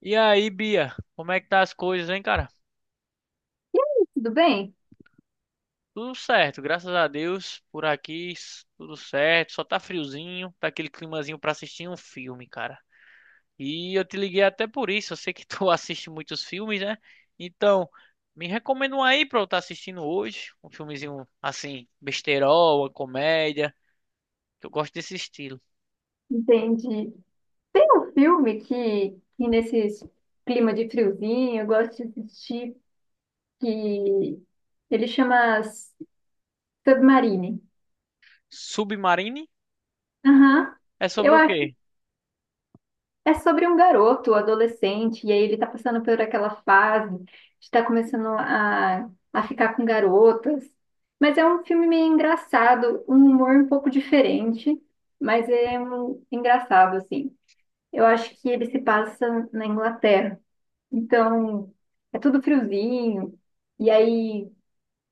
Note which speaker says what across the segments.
Speaker 1: E aí, Bia, como é que tá as coisas, hein, cara?
Speaker 2: Tudo bem?
Speaker 1: Tudo certo, graças a Deus, por aqui, tudo certo, só tá friozinho, tá aquele climazinho pra assistir um filme, cara. E eu te liguei até por isso, eu sei que tu assiste muitos filmes, né? Então, me recomenda um aí pra eu estar assistindo hoje, um filmezinho assim, besterol, uma comédia, que eu gosto desse estilo.
Speaker 2: Entendi. Tem um filme que nesse clima de friozinho eu gosto de assistir, que ele chama Submarine.
Speaker 1: Submarine
Speaker 2: Aham.
Speaker 1: é
Speaker 2: Eu
Speaker 1: sobre o
Speaker 2: acho que
Speaker 1: quê?
Speaker 2: é sobre um garoto, adolescente, e aí ele tá passando por aquela fase de estar começando a ficar com garotas. Mas é um filme meio engraçado, um humor um pouco diferente, mas é um, engraçado, assim. Eu acho que ele se passa na Inglaterra. Então, é tudo friozinho. E aí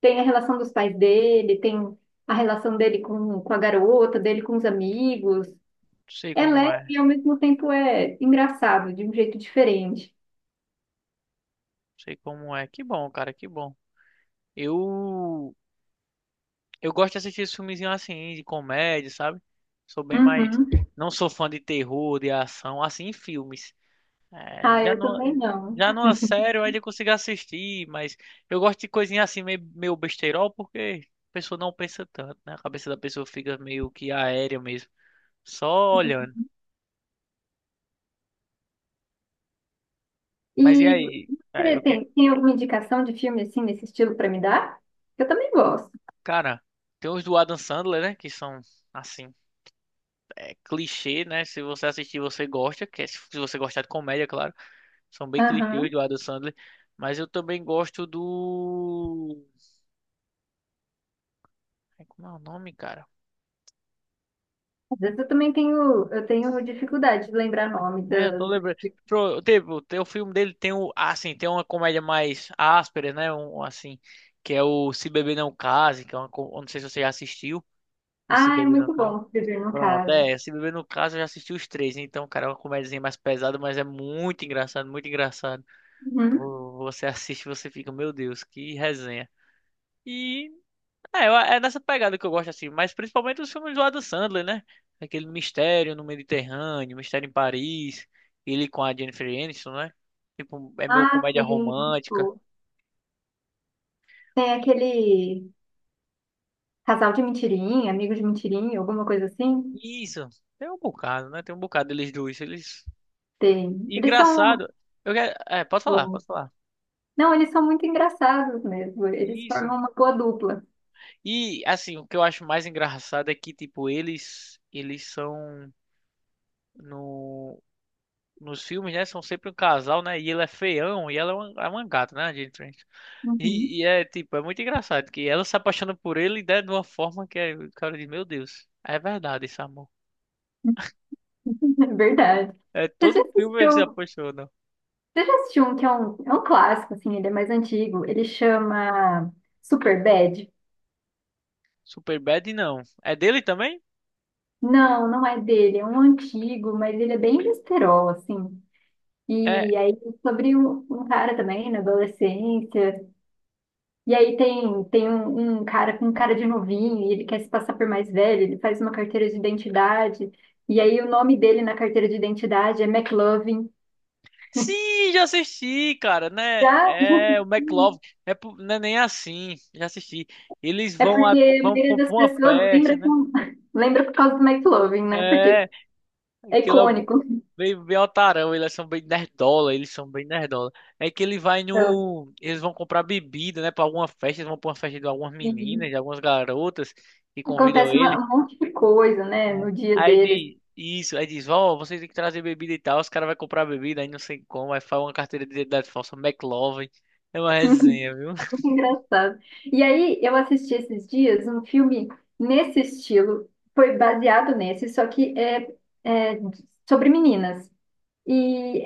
Speaker 2: tem a relação dos pais dele, tem a relação dele com a garota, dele com os amigos.
Speaker 1: Não sei
Speaker 2: É
Speaker 1: como
Speaker 2: leve
Speaker 1: é, não
Speaker 2: e ao mesmo tempo é engraçado, de um jeito diferente.
Speaker 1: sei como é. Que bom, cara, que bom. Eu Eu gosto de assistir esses filmezinhos assim, de comédia, sabe? Sou bem mais.
Speaker 2: Uhum.
Speaker 1: Não sou fã de terror, de ação, assim, em filmes. É,
Speaker 2: Ah,
Speaker 1: já
Speaker 2: eu
Speaker 1: não.
Speaker 2: também não.
Speaker 1: Já numa série eu ainda consigo assistir, mas eu gosto de coisinha assim, meio, meio besteirol, porque a pessoa não pensa tanto, né? A cabeça da pessoa fica meio que aérea mesmo, só olhando. Mas e
Speaker 2: E
Speaker 1: aí? É,
Speaker 2: você
Speaker 1: o que...
Speaker 2: tem alguma indicação de filme assim nesse estilo para me dar? Eu também gosto.
Speaker 1: Cara, tem os do Adam Sandler, né? Que são, assim, é, clichê, né? Se você assistir, você gosta, que é se você gostar de comédia, claro. São bem clichês
Speaker 2: Aham.
Speaker 1: do Adam Sandler. Mas eu também gosto do. Ai, como é o nome, cara?
Speaker 2: Às vezes eu também tenho, eu tenho dificuldade de lembrar nome
Speaker 1: É, eu
Speaker 2: da.
Speaker 1: tô lembrando. Teve, tem o filme dele, tem o. Ah, sim, tem uma comédia mais áspera, né? Um, assim, que é o Se Beber Não Case, que é uma. Eu não sei se você já assistiu. O Se
Speaker 2: Ah, é
Speaker 1: Beber Não
Speaker 2: muito
Speaker 1: Case.
Speaker 2: bom escrever no
Speaker 1: Pronto,
Speaker 2: caso.
Speaker 1: é. Se Beber Não Case, eu já assisti os três. Então, cara, é uma comédiazinha mais pesada, mas é muito engraçado, muito engraçado. Você assiste, você fica, meu Deus, que resenha. E é, é nessa pegada que eu gosto assim, mas principalmente os filmes do Adam Sandler, né? Aquele Mistério no Mediterrâneo, Mistério em Paris, ele com a Jennifer Aniston, né? Tipo, é meio
Speaker 2: Ah,
Speaker 1: comédia
Speaker 2: sim, muito
Speaker 1: romântica.
Speaker 2: bom. Tem aquele casal de mentirinha, amigo de mentirinha, alguma coisa assim?
Speaker 1: Isso, tem um bocado, né? Tem um bocado deles dois, eles...
Speaker 2: Tem. Eles são muito
Speaker 1: Engraçado, eu quero... É, pode falar,
Speaker 2: bons.
Speaker 1: pode falar.
Speaker 2: Não, eles são muito engraçados mesmo. Eles
Speaker 1: Isso.
Speaker 2: formam uma boa dupla.
Speaker 1: E, assim, o que eu acho mais engraçado é que, tipo, eles... Eles são... No... Nos filmes, né? São sempre um casal, né? E ele é feião e ela é uma gata, né? A Jennifer?
Speaker 2: Uhum.
Speaker 1: E é tipo, é muito engraçado que ela se apaixona por ele, né, de uma forma que é, o cara diz, meu Deus, é verdade esse amor.
Speaker 2: É verdade.
Speaker 1: É
Speaker 2: Você já
Speaker 1: todo filme ele se
Speaker 2: assistiu?
Speaker 1: apaixona.
Speaker 2: Você já assistiu um que é um clássico, assim. Ele é mais antigo. Ele chama Superbad?
Speaker 1: Superbad não. É dele também?
Speaker 2: Não, não é dele, é um antigo, mas ele é bem besterol, assim.
Speaker 1: É.
Speaker 2: E aí, sobre um, um cara também, na adolescência. E aí tem, tem um, um cara com cara de novinho, e ele quer se passar por mais velho. Ele faz uma carteira de identidade, e aí o nome dele na carteira de identidade é McLovin.
Speaker 1: Sim, já assisti, cara, né?
Speaker 2: Já
Speaker 1: É o McLovin. É, não é nem assim. Já assisti. Eles
Speaker 2: é
Speaker 1: vão
Speaker 2: porque
Speaker 1: a,
Speaker 2: a
Speaker 1: vão
Speaker 2: maioria
Speaker 1: pra
Speaker 2: das
Speaker 1: uma
Speaker 2: pessoas
Speaker 1: festa,
Speaker 2: lembra,
Speaker 1: né?
Speaker 2: com, lembra por causa do McLovin, né? Porque
Speaker 1: É,
Speaker 2: é
Speaker 1: aquilo
Speaker 2: icônico.
Speaker 1: bem, bem otarão, eles são bem nerdola, eles são bem nerdola. É que ele vai
Speaker 2: Então,
Speaker 1: no. Eles vão comprar bebida, né? Pra alguma festa, eles vão pra uma festa de algumas meninas,
Speaker 2: e
Speaker 1: de algumas garotas que convidam
Speaker 2: acontece uma
Speaker 1: ele.
Speaker 2: um monte de coisa, né,
Speaker 1: É.
Speaker 2: no dia
Speaker 1: Aí
Speaker 2: deles.
Speaker 1: diz, isso, aí diz, ó, vocês têm que trazer bebida e tal. Os caras vão comprar bebida, aí não sei como, aí faz uma carteira de identidade falsa, McLovin. É uma resenha, viu?
Speaker 2: Que engraçado. E aí, eu assisti esses dias um filme nesse estilo. Foi baseado nesse, só que é, é sobre meninas. E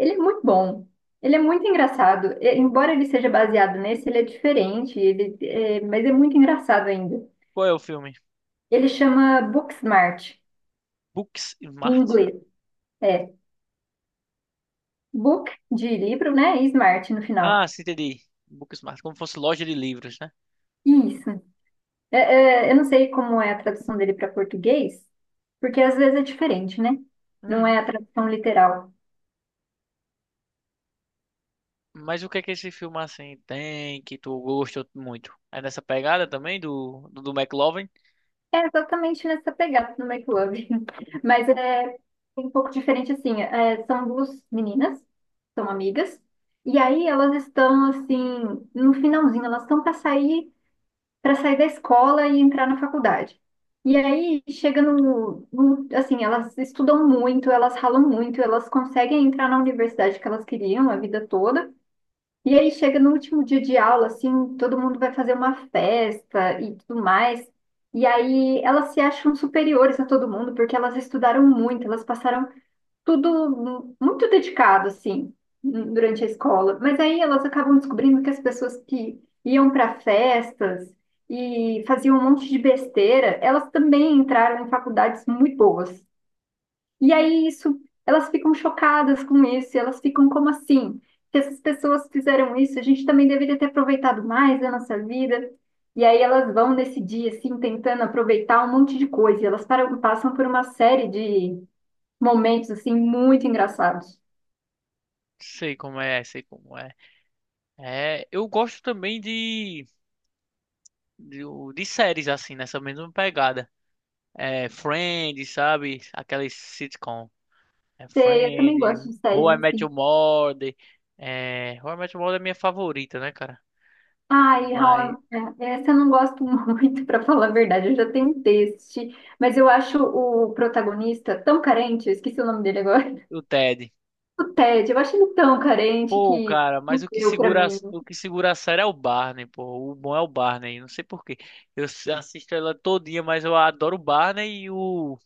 Speaker 2: ele é muito bom. Ele é muito engraçado. E embora ele seja baseado nesse, ele é diferente, ele, é, mas é muito engraçado ainda.
Speaker 1: Qual é o filme?
Speaker 2: Ele chama Booksmart, em
Speaker 1: Booksmart?
Speaker 2: inglês. É, book de livro, né? E smart no
Speaker 1: Ah,
Speaker 2: final.
Speaker 1: sim, entendi. Booksmart, como fosse loja de livros, né?
Speaker 2: Isso. É, é, eu não sei como é a tradução dele para português, porque às vezes é diferente, né? Não é a
Speaker 1: Uhum.
Speaker 2: tradução literal.
Speaker 1: Mas o que é que esse filme assim tem que tu gostou muito? É nessa pegada também do McLovin?
Speaker 2: É exatamente nessa pegada do Make Love. Mas é um pouco diferente, assim. É, são duas meninas, são amigas, e aí elas estão, assim, no finalzinho. Elas estão para sair da escola e entrar na faculdade. E aí chega no, no assim, elas estudam muito, elas ralam muito, elas conseguem entrar na universidade que elas queriam a vida toda. E aí chega no último dia de aula, assim, todo mundo vai fazer uma festa e tudo mais. E aí elas se acham superiores a todo mundo porque elas estudaram muito, elas passaram tudo mu- muito dedicado, assim, n- durante a escola. Mas aí elas acabam descobrindo que as pessoas que iam para festas e faziam um monte de besteira, elas também entraram em faculdades muito boas. E aí isso, elas ficam chocadas com isso, e elas ficam como assim? Se essas pessoas fizeram isso, a gente também deveria ter aproveitado mais da nossa vida. E aí elas vão nesse dia, assim, tentando aproveitar um monte de coisa. E elas param- passam por uma série de momentos, assim, muito engraçados.
Speaker 1: Sei como é, sei como é. É, eu gosto também de, de séries assim, nessa mesma pegada. É, Friends, sabe? Aquelas sitcom. É
Speaker 2: Sei, eu também gosto
Speaker 1: Friends,
Speaker 2: de
Speaker 1: How I
Speaker 2: séries,
Speaker 1: Met
Speaker 2: assim.
Speaker 1: Your Mother. É, How I Met Your Mother é minha favorita, né, cara?
Speaker 2: Ai,
Speaker 1: Mas
Speaker 2: How I- é, essa eu não gosto muito, para falar a verdade. Eu já tentei assistir, mas eu acho o protagonista tão carente. Eu esqueci o nome dele agora.
Speaker 1: o Ted.
Speaker 2: O Ted, eu achei ele tão carente
Speaker 1: Pô,
Speaker 2: que
Speaker 1: cara, mas
Speaker 2: não deu pra mim.
Speaker 1: o que segura a série é o Barney, pô. O bom é o Barney, não sei por quê. Assisto ela todinha, mas eu adoro o Barney e o...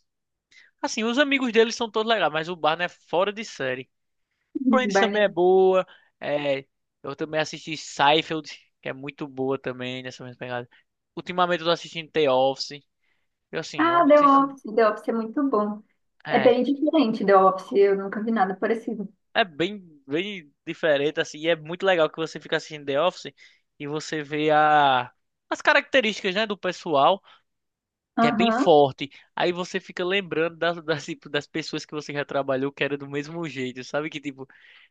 Speaker 1: Assim, os amigos dele são todos legais, mas o Barney é fora de série. Friends também é
Speaker 2: Barney.
Speaker 1: boa. É, eu também assisti Seinfeld, que é muito boa também, nessa mesma pegada. Ultimamente eu tô assistindo The Office. Eu, assim, eu
Speaker 2: Ah, The
Speaker 1: assisto...
Speaker 2: Office. The Office é muito bom. É
Speaker 1: é,
Speaker 2: bem diferente The Office, eu nunca vi nada parecido.
Speaker 1: é bem, bem diferente, assim, e é muito legal que você fica assistindo The Office e você vê a, as características, né, do pessoal, que é bem
Speaker 2: Aham.
Speaker 1: forte. Aí você fica lembrando das, das, tipo, das pessoas que você já trabalhou que era do mesmo jeito, sabe? Que, tipo,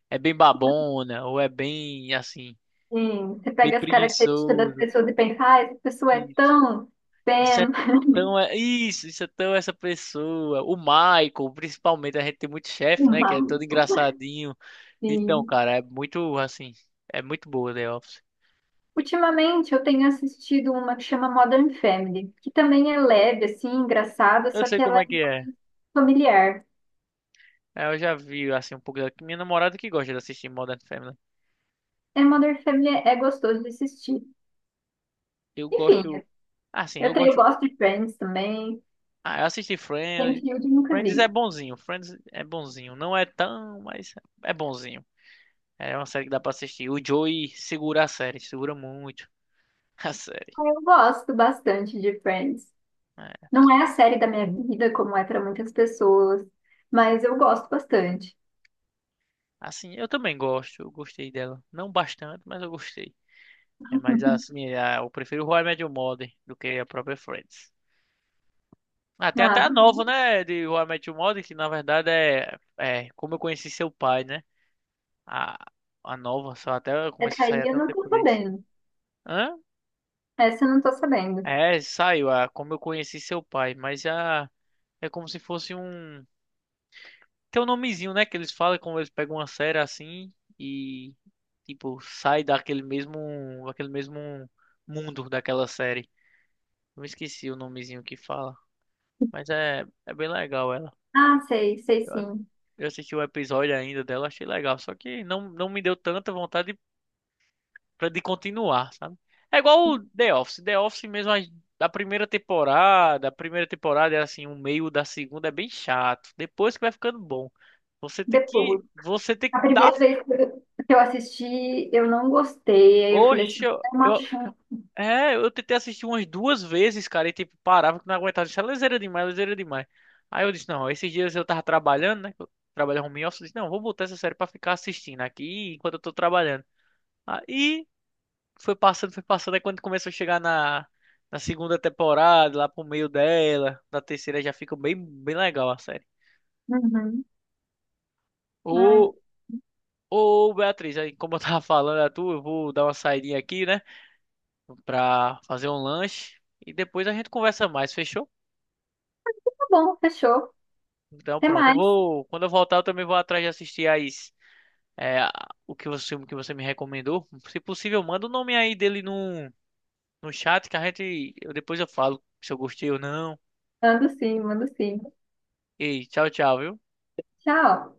Speaker 1: é bem babona, ou é bem, assim,
Speaker 2: Sim, você
Speaker 1: bem
Speaker 2: pega as características das
Speaker 1: preguiçoso.
Speaker 2: pessoas e pensa, ah, essa pessoa é
Speaker 1: Isso,
Speaker 2: tão
Speaker 1: isso é
Speaker 2: Pam,
Speaker 1: tão... isso, isso é tão essa pessoa. O Michael, principalmente, a gente tem muito chefe, né, que
Speaker 2: uma.
Speaker 1: é todo engraçadinho. Então,
Speaker 2: Sim.
Speaker 1: cara, é muito, assim... É muito boa The Office.
Speaker 2: Ultimamente eu tenho assistido uma que chama Modern Family, que também é leve, assim, engraçada,
Speaker 1: Eu
Speaker 2: só
Speaker 1: sei
Speaker 2: que ela
Speaker 1: como
Speaker 2: é
Speaker 1: é que é.
Speaker 2: familiar.
Speaker 1: É, eu já vi, assim, um pouco da... Minha namorada que gosta de assistir Modern Family.
Speaker 2: É, Modern Family é gostoso de assistir.
Speaker 1: Eu
Speaker 2: Enfim,
Speaker 1: gosto... Assim,
Speaker 2: eu,
Speaker 1: eu
Speaker 2: tenho, eu
Speaker 1: gosto...
Speaker 2: gosto de Friends também.
Speaker 1: Ah, eu assisti Friends.
Speaker 2: Seinfeld eu nunca
Speaker 1: Friends é
Speaker 2: vi.
Speaker 1: bonzinho. Friends é bonzinho. Não é tão, mas é bonzinho. É uma série que dá pra assistir. O Joey segura a série. Segura muito a série.
Speaker 2: Ah, eu gosto bastante de Friends.
Speaker 1: É.
Speaker 2: Não é a série da minha vida, como é para muitas pessoas, mas eu gosto bastante.
Speaker 1: Assim, eu também gosto. Eu gostei dela. Não bastante, mas eu gostei. É, mas assim, é, eu prefiro How I Met Your Mother do que a própria Friends. Ah, tem até
Speaker 2: Ah,
Speaker 1: a nova, né? De How I Met Your Mother, que na verdade é, é Como Eu Conheci Seu Pai, né? A, a nova, só até começou
Speaker 2: essa
Speaker 1: a
Speaker 2: aí
Speaker 1: sair
Speaker 2: eu
Speaker 1: até um
Speaker 2: não tô
Speaker 1: tempo desse.
Speaker 2: sabendo.
Speaker 1: Hã?
Speaker 2: Essa eu não tô sabendo.
Speaker 1: É, saiu a Como Eu Conheci Seu Pai, mas já é como se fosse um. Tem um nomezinho, né? Que eles falam como eles pegam uma série assim e, tipo, sai daquele mesmo mundo daquela série. Eu me esqueci o nomezinho que fala, mas é, é bem legal ela.
Speaker 2: Ah, sei, sei sim.
Speaker 1: Eu assisti o episódio ainda dela, achei legal. Só que não, não me deu tanta vontade de, de continuar, sabe? É igual o The Office. The Office mesmo, da primeira temporada, a primeira temporada é assim, o meio da segunda é bem chato. Depois que vai ficando bom.
Speaker 2: Depois.
Speaker 1: Você tem que
Speaker 2: A
Speaker 1: dar.
Speaker 2: primeira vez que eu assisti, eu não gostei. Aí eu falei assim,
Speaker 1: Oxe,
Speaker 2: é uma chance.
Speaker 1: é, eu tentei assistir umas duas vezes, cara, e tipo, parava que não aguentava. Isso é leseira demais, leseira demais. Aí eu disse, não, esses dias eu tava trabalhando, né? Eu trabalhava home office, eu disse, não, vou botar essa série pra ficar assistindo aqui enquanto eu tô trabalhando. Aí foi passando, foi passando. Aí quando começou a chegar na, na segunda temporada, lá pro meio dela, na terceira já fica bem, bem legal a série.
Speaker 2: Uhum. Ai,
Speaker 1: Ô, ô Beatriz, aí como eu tava falando a tu, eu vou dar uma saidinha aqui, né? Pra fazer um lanche. E depois a gente conversa mais, fechou?
Speaker 2: tá bom, fechou.
Speaker 1: Então
Speaker 2: Até
Speaker 1: pronto, eu
Speaker 2: mais.
Speaker 1: vou. Quando eu voltar, eu também vou atrás de assistir as. É, o que você me recomendou. Se possível, manda o nome aí dele no, no chat que a gente. Eu, depois eu falo se eu gostei ou não.
Speaker 2: Mando sim, mando sim.
Speaker 1: Ei, tchau, tchau, viu?
Speaker 2: Tchau.